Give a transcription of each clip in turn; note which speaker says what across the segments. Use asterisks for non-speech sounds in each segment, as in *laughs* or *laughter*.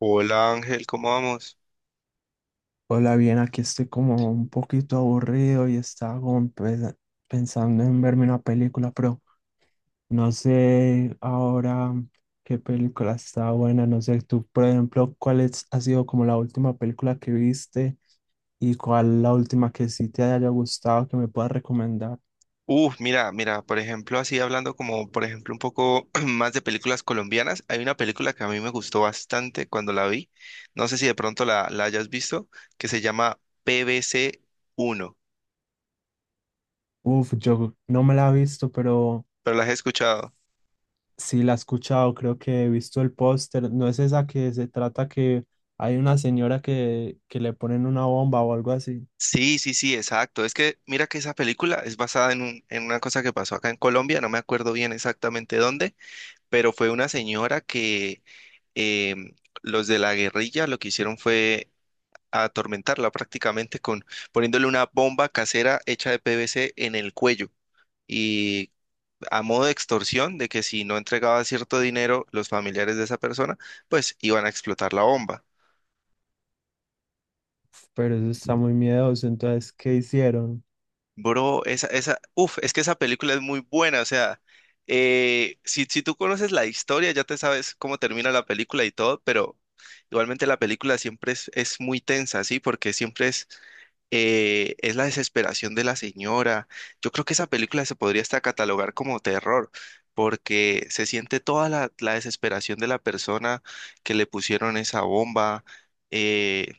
Speaker 1: Hola Ángel, ¿cómo vamos?
Speaker 2: Hola, bien, aquí estoy como un poquito aburrido y estaba como pensando en verme una película, pero no sé ahora qué película está buena, no sé tú, por ejemplo, ha sido como la última película que viste y cuál la última que sí te haya gustado que me puedas recomendar.
Speaker 1: Uf, mira, mira, por ejemplo, así hablando como, por ejemplo, un poco *clears throat* más de películas colombianas, hay una película que a mí me gustó bastante cuando la vi, no sé si de pronto la hayas visto, que se llama PBC uno.
Speaker 2: Uf, yo no me la he visto, pero
Speaker 1: Pero la has escuchado.
Speaker 2: sí la he escuchado, creo que he visto el póster, ¿no es esa que se trata que hay una señora que le ponen una bomba o algo así?
Speaker 1: Sí, sí, sí, exacto. Es que mira que esa película es basada en una cosa que pasó acá en Colombia, no me acuerdo bien exactamente dónde, pero fue una señora que em, los de la guerrilla lo que hicieron fue a atormentarla prácticamente con poniéndole una bomba casera hecha de PVC en el cuello y a modo de extorsión de que si no entregaba cierto dinero los familiares de esa persona, pues iban a explotar la bomba.
Speaker 2: Pero eso está muy miedoso. Entonces, ¿qué hicieron?
Speaker 1: Bro, uf, es que esa película es muy buena, o sea, si tú conoces la historia, ya te sabes cómo termina la película y todo, pero igualmente la película siempre es muy tensa, ¿sí? Porque siempre es la desesperación de la señora. Yo creo que esa película se podría hasta catalogar como terror, porque se siente toda la desesperación de la persona que le pusieron esa bomba. eh,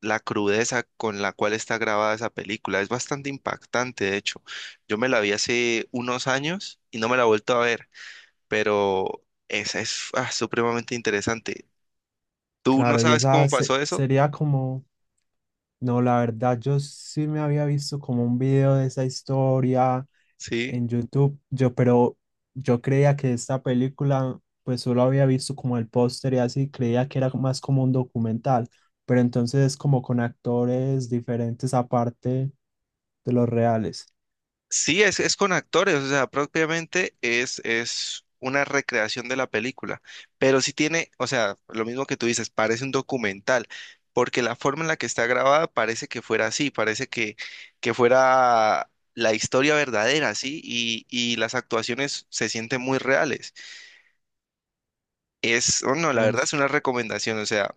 Speaker 1: la crudeza con la cual está grabada esa película. Es bastante impactante, de hecho. Yo me la vi hace unos años y no me la he vuelto a ver, pero esa es supremamente interesante. ¿Tú no
Speaker 2: Claro, y
Speaker 1: sabes
Speaker 2: esa
Speaker 1: cómo pasó eso?
Speaker 2: sería como, no, la verdad, yo sí me había visto como un video de esa historia
Speaker 1: Sí.
Speaker 2: en YouTube, yo, pero yo creía que esta película, pues solo había visto como el póster y así, creía que era más como un documental, pero entonces es como con actores diferentes aparte de los reales.
Speaker 1: Sí, es con actores, o sea, propiamente es una recreación de la película, pero sí tiene, o sea, lo mismo que tú dices, parece un documental, porque la forma en la que está grabada parece que fuera así, parece que fuera la historia verdadera, ¿sí? Y las actuaciones se sienten muy reales. Es, oh, no, la verdad es
Speaker 2: Uf,
Speaker 1: una recomendación, o sea,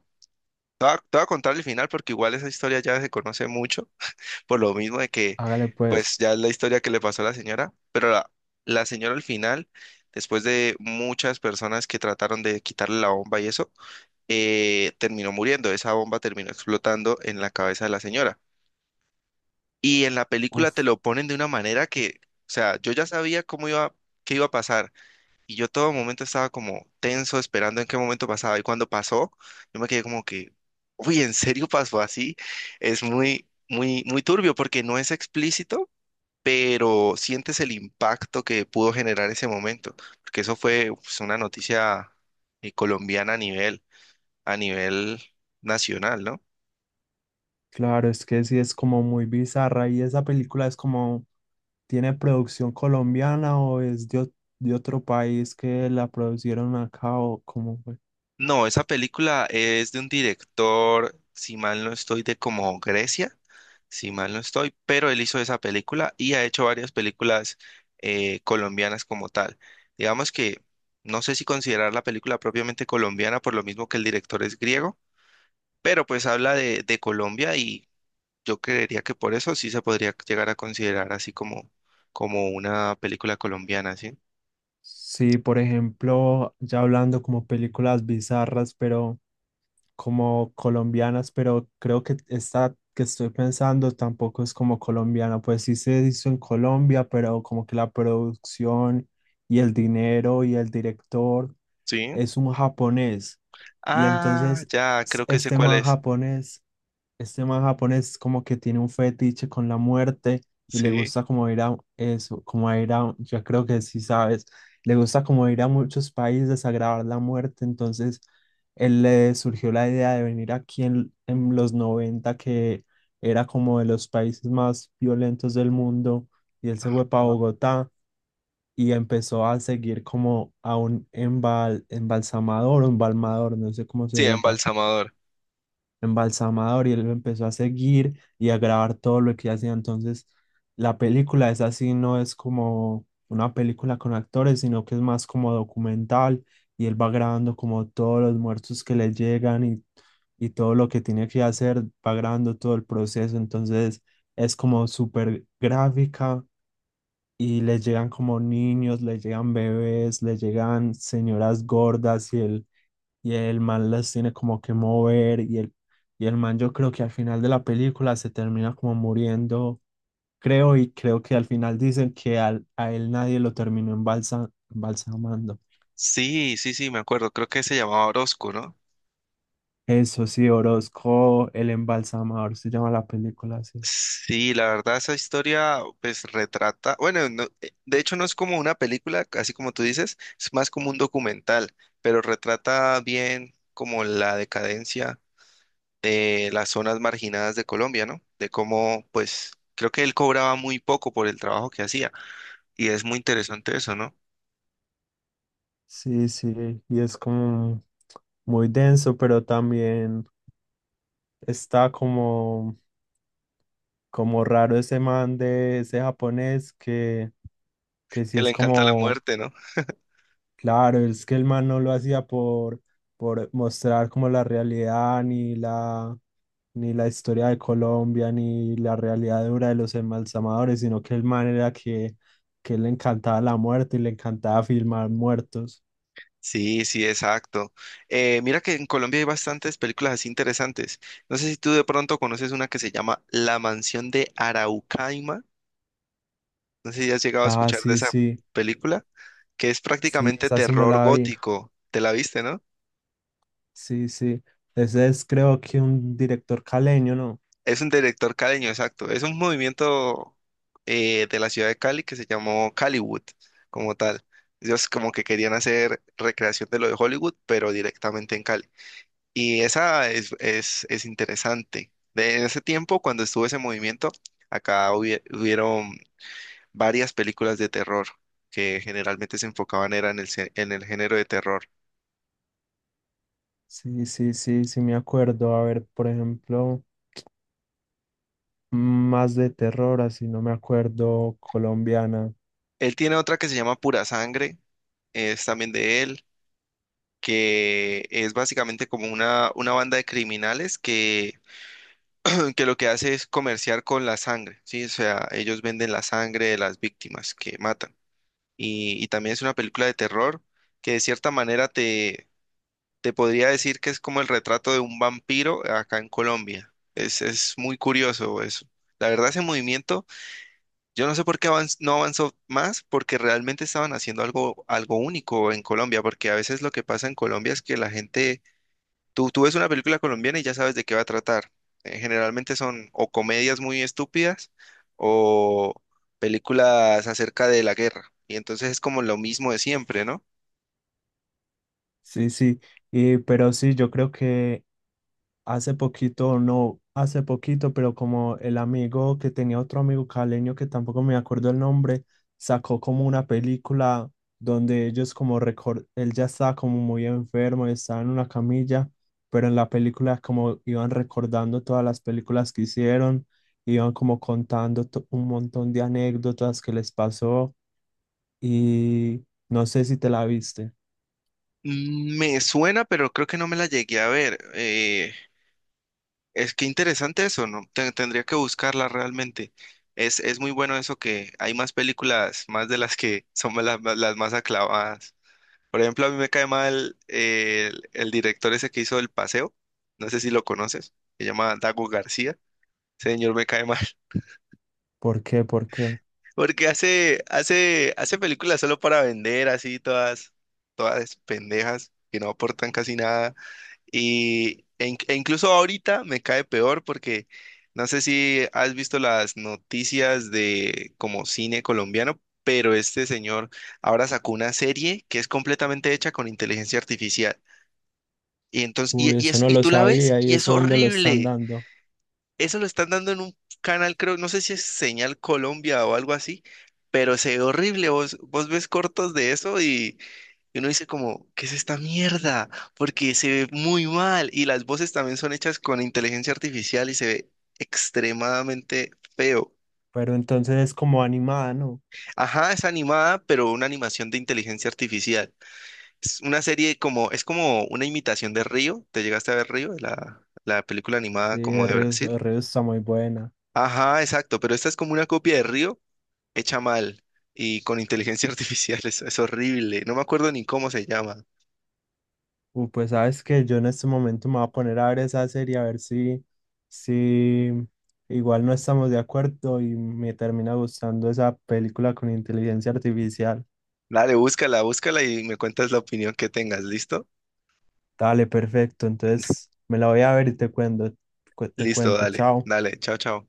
Speaker 1: te voy a contar el final porque igual esa historia ya se conoce mucho, por lo mismo de que,
Speaker 2: hágale pues.
Speaker 1: pues ya es la historia que le pasó a la señora, pero la señora al final, después de muchas personas que trataron de quitarle la bomba y eso, terminó muriendo, esa bomba terminó explotando en la cabeza de la señora. Y en la película te
Speaker 2: Uf,
Speaker 1: lo ponen de una manera que, o sea, yo ya sabía cómo iba, qué iba a pasar, y yo todo momento estaba como tenso, esperando en qué momento pasaba, y cuando pasó, yo me quedé como que, uy, ¿en serio pasó así? Muy, muy turbio porque no es explícito, pero sientes el impacto que pudo generar ese momento, porque eso fue pues, una noticia colombiana a nivel nacional, ¿no?
Speaker 2: claro, es que sí es como muy bizarra y esa película es como… ¿Tiene producción colombiana o es de, de otro país que la producieron acá o cómo fue?
Speaker 1: No, esa película es de un director, si mal no estoy, de como Grecia, si mal no estoy, pero él hizo esa película y ha hecho varias películas colombianas como tal. Digamos que no sé si considerar la película propiamente colombiana por lo mismo que el director es griego, pero pues habla de Colombia y yo creería que por eso sí se podría llegar a considerar así como una película colombiana, ¿sí?
Speaker 2: Sí, por ejemplo, ya hablando como películas bizarras, pero como colombianas, pero creo que esta que estoy pensando tampoco es como colombiana, pues sí se hizo en Colombia, pero como que la producción y el dinero y el director
Speaker 1: Sí.
Speaker 2: es un japonés. Y
Speaker 1: Ah,
Speaker 2: entonces
Speaker 1: ya, creo que sé
Speaker 2: este
Speaker 1: cuál
Speaker 2: man
Speaker 1: es.
Speaker 2: japonés… Este man japonés como que tiene un fetiche con la muerte y le
Speaker 1: Sí.
Speaker 2: gusta como ir a eso, como a ir a, yo creo que sí sabes, le gusta como ir a muchos países a grabar la muerte, entonces él le surgió la idea de venir aquí en los noventa, que era como de los países más violentos del mundo, y él se fue para
Speaker 1: Ah.
Speaker 2: Bogotá y empezó a seguir como a un embalsamador, un balmador, no sé cómo se
Speaker 1: Sí,
Speaker 2: diga,
Speaker 1: Embalsamador.
Speaker 2: embalsamador, y él lo empezó a seguir y a grabar todo lo que hacía. Entonces, la película es así, no es como una película con actores, sino que es más como documental, y él va grabando como todos los muertos que le llegan y todo lo que tiene que hacer, va grabando todo el proceso. Entonces, es como súper gráfica. Y les llegan como niños, les llegan bebés, les llegan señoras gordas y él… Y el man las tiene como que mover, y el man yo creo que al final de la película se termina como muriendo, creo, y creo que al final dicen que a él nadie lo terminó embalsamando.
Speaker 1: Sí, sí, sí, me acuerdo. Creo que se llamaba Orozco, ¿no?
Speaker 2: Eso sí, Orozco, el embalsamador, se llama la película así.
Speaker 1: Sí, la verdad, esa historia pues retrata, bueno, de hecho no es como una película, así como tú dices, es más como un documental, pero retrata bien como la decadencia de las zonas marginadas de Colombia, ¿no? De cómo, pues, creo que él cobraba muy poco por el trabajo que hacía. Y es muy interesante eso, ¿no?
Speaker 2: Sí, sí, y es como muy denso, pero también está como, como raro ese man, de ese japonés que sí
Speaker 1: Que
Speaker 2: es
Speaker 1: le encanta la
Speaker 2: como…
Speaker 1: muerte, ¿no?
Speaker 2: Claro, es que el man no lo hacía por mostrar como la realidad, ni la, ni la historia de Colombia, ni la realidad dura de los embalsamadores, sino que el man era que le encantaba la muerte y le encantaba filmar muertos.
Speaker 1: Sí, sí, exacto. Mira que en Colombia hay bastantes películas así interesantes. No sé si tú de pronto conoces una que se llama La Mansión de Araucaima. No sé si has llegado a
Speaker 2: Ah,
Speaker 1: escuchar de
Speaker 2: sí,
Speaker 1: esa
Speaker 2: sí,
Speaker 1: película, que es
Speaker 2: sí,
Speaker 1: prácticamente
Speaker 2: esa sí me
Speaker 1: terror
Speaker 2: la vi.
Speaker 1: gótico. ¿Te la viste, no?
Speaker 2: Sí, sí. Ese es, creo, que un director caleño, ¿no?
Speaker 1: Es un director caleño, exacto. Es un movimiento de la ciudad de Cali que se llamó Caliwood, como tal. Ellos como que querían hacer recreación de lo de Hollywood, pero directamente en Cali. Y esa es interesante. De en ese tiempo, cuando estuvo ese movimiento, acá hubieron varias películas de terror que generalmente se enfocaban era en en el género de terror.
Speaker 2: Sí, sí, sí, sí me acuerdo. A ver, por ejemplo, más de terror, así no me acuerdo, colombiana.
Speaker 1: Él tiene otra que se llama Pura Sangre, es también de él. Que es básicamente como una banda de criminales que, *laughs* *clears throat* que lo que hace es comerciar con la sangre, ¿sí? O sea, ellos venden la sangre de las víctimas que matan. Y también es una película de terror que de cierta manera te podría decir que es como el retrato de un vampiro acá en Colombia. Es muy curioso eso. La verdad, ese movimiento, yo no sé por qué no avanzó más, porque realmente estaban haciendo algo, algo único en Colombia, porque a veces lo que pasa en Colombia es que la gente tú ves una película colombiana y ya sabes de qué va a tratar. Generalmente son o comedias muy estúpidas o películas acerca de la guerra. Y entonces es como lo mismo de siempre, ¿no?
Speaker 2: Sí, sí, y, pero sí, yo creo que hace poquito, o no hace poquito, pero como el amigo que tenía otro amigo caleño que tampoco me acuerdo el nombre, sacó como una película donde ellos como él ya estaba como muy enfermo, estaba en una camilla, pero en la película como iban recordando todas las películas que hicieron, iban como contando un montón de anécdotas que les pasó, y no sé si te la viste.
Speaker 1: Me suena, pero creo que no me la llegué a ver. Es que interesante eso, ¿no? Tendría que buscarla realmente. Es muy bueno eso que hay más películas, más de las que son las más aclavadas. Por ejemplo, a mí me cae mal el director ese que hizo El Paseo, no sé si lo conoces, se llama Dago García. Ese señor me cae mal, *laughs*
Speaker 2: ¿Por qué? ¿Por qué?
Speaker 1: porque hace películas solo para vender, así todas, todas pendejas, que no aportan casi nada. E incluso ahorita me cae peor porque no sé si has visto las noticias de como cine colombiano, pero este señor ahora sacó una serie que es completamente hecha con inteligencia artificial. Y entonces,
Speaker 2: Uy, eso no
Speaker 1: y
Speaker 2: lo
Speaker 1: tú la ves
Speaker 2: sabía, y
Speaker 1: y es
Speaker 2: eso ¿dónde lo están
Speaker 1: horrible.
Speaker 2: dando?
Speaker 1: Eso lo están dando en un canal, creo, no sé si es Señal Colombia o algo así, pero se ve horrible. Vos ves cortos de eso y uno dice como, ¿qué es esta mierda? Porque se ve muy mal y las voces también son hechas con inteligencia artificial y se ve extremadamente feo.
Speaker 2: Pero entonces es como animada, ¿no?
Speaker 1: Ajá, es animada, pero una animación de inteligencia artificial. Es una serie como, es como una imitación de Río. ¿Te llegaste a ver Río? La película
Speaker 2: Sí,
Speaker 1: animada como de Brasil.
Speaker 2: el río está muy buena.
Speaker 1: Ajá, exacto, pero esta es como una copia de Río hecha mal y con inteligencia *laughs* artificial. Es horrible. No me acuerdo ni cómo se llama.
Speaker 2: Uy, pues sabes que yo en este momento me voy a poner a ver esa serie, a ver si, si igual no estamos de acuerdo y me termina gustando esa película con inteligencia artificial.
Speaker 1: Dale, búscala, búscala y me cuentas la opinión que tengas. ¿Listo?
Speaker 2: Dale, perfecto. Entonces me la voy a ver y te cuento, te
Speaker 1: Listo,
Speaker 2: cuento.
Speaker 1: dale,
Speaker 2: Chao.
Speaker 1: dale, chao, chao.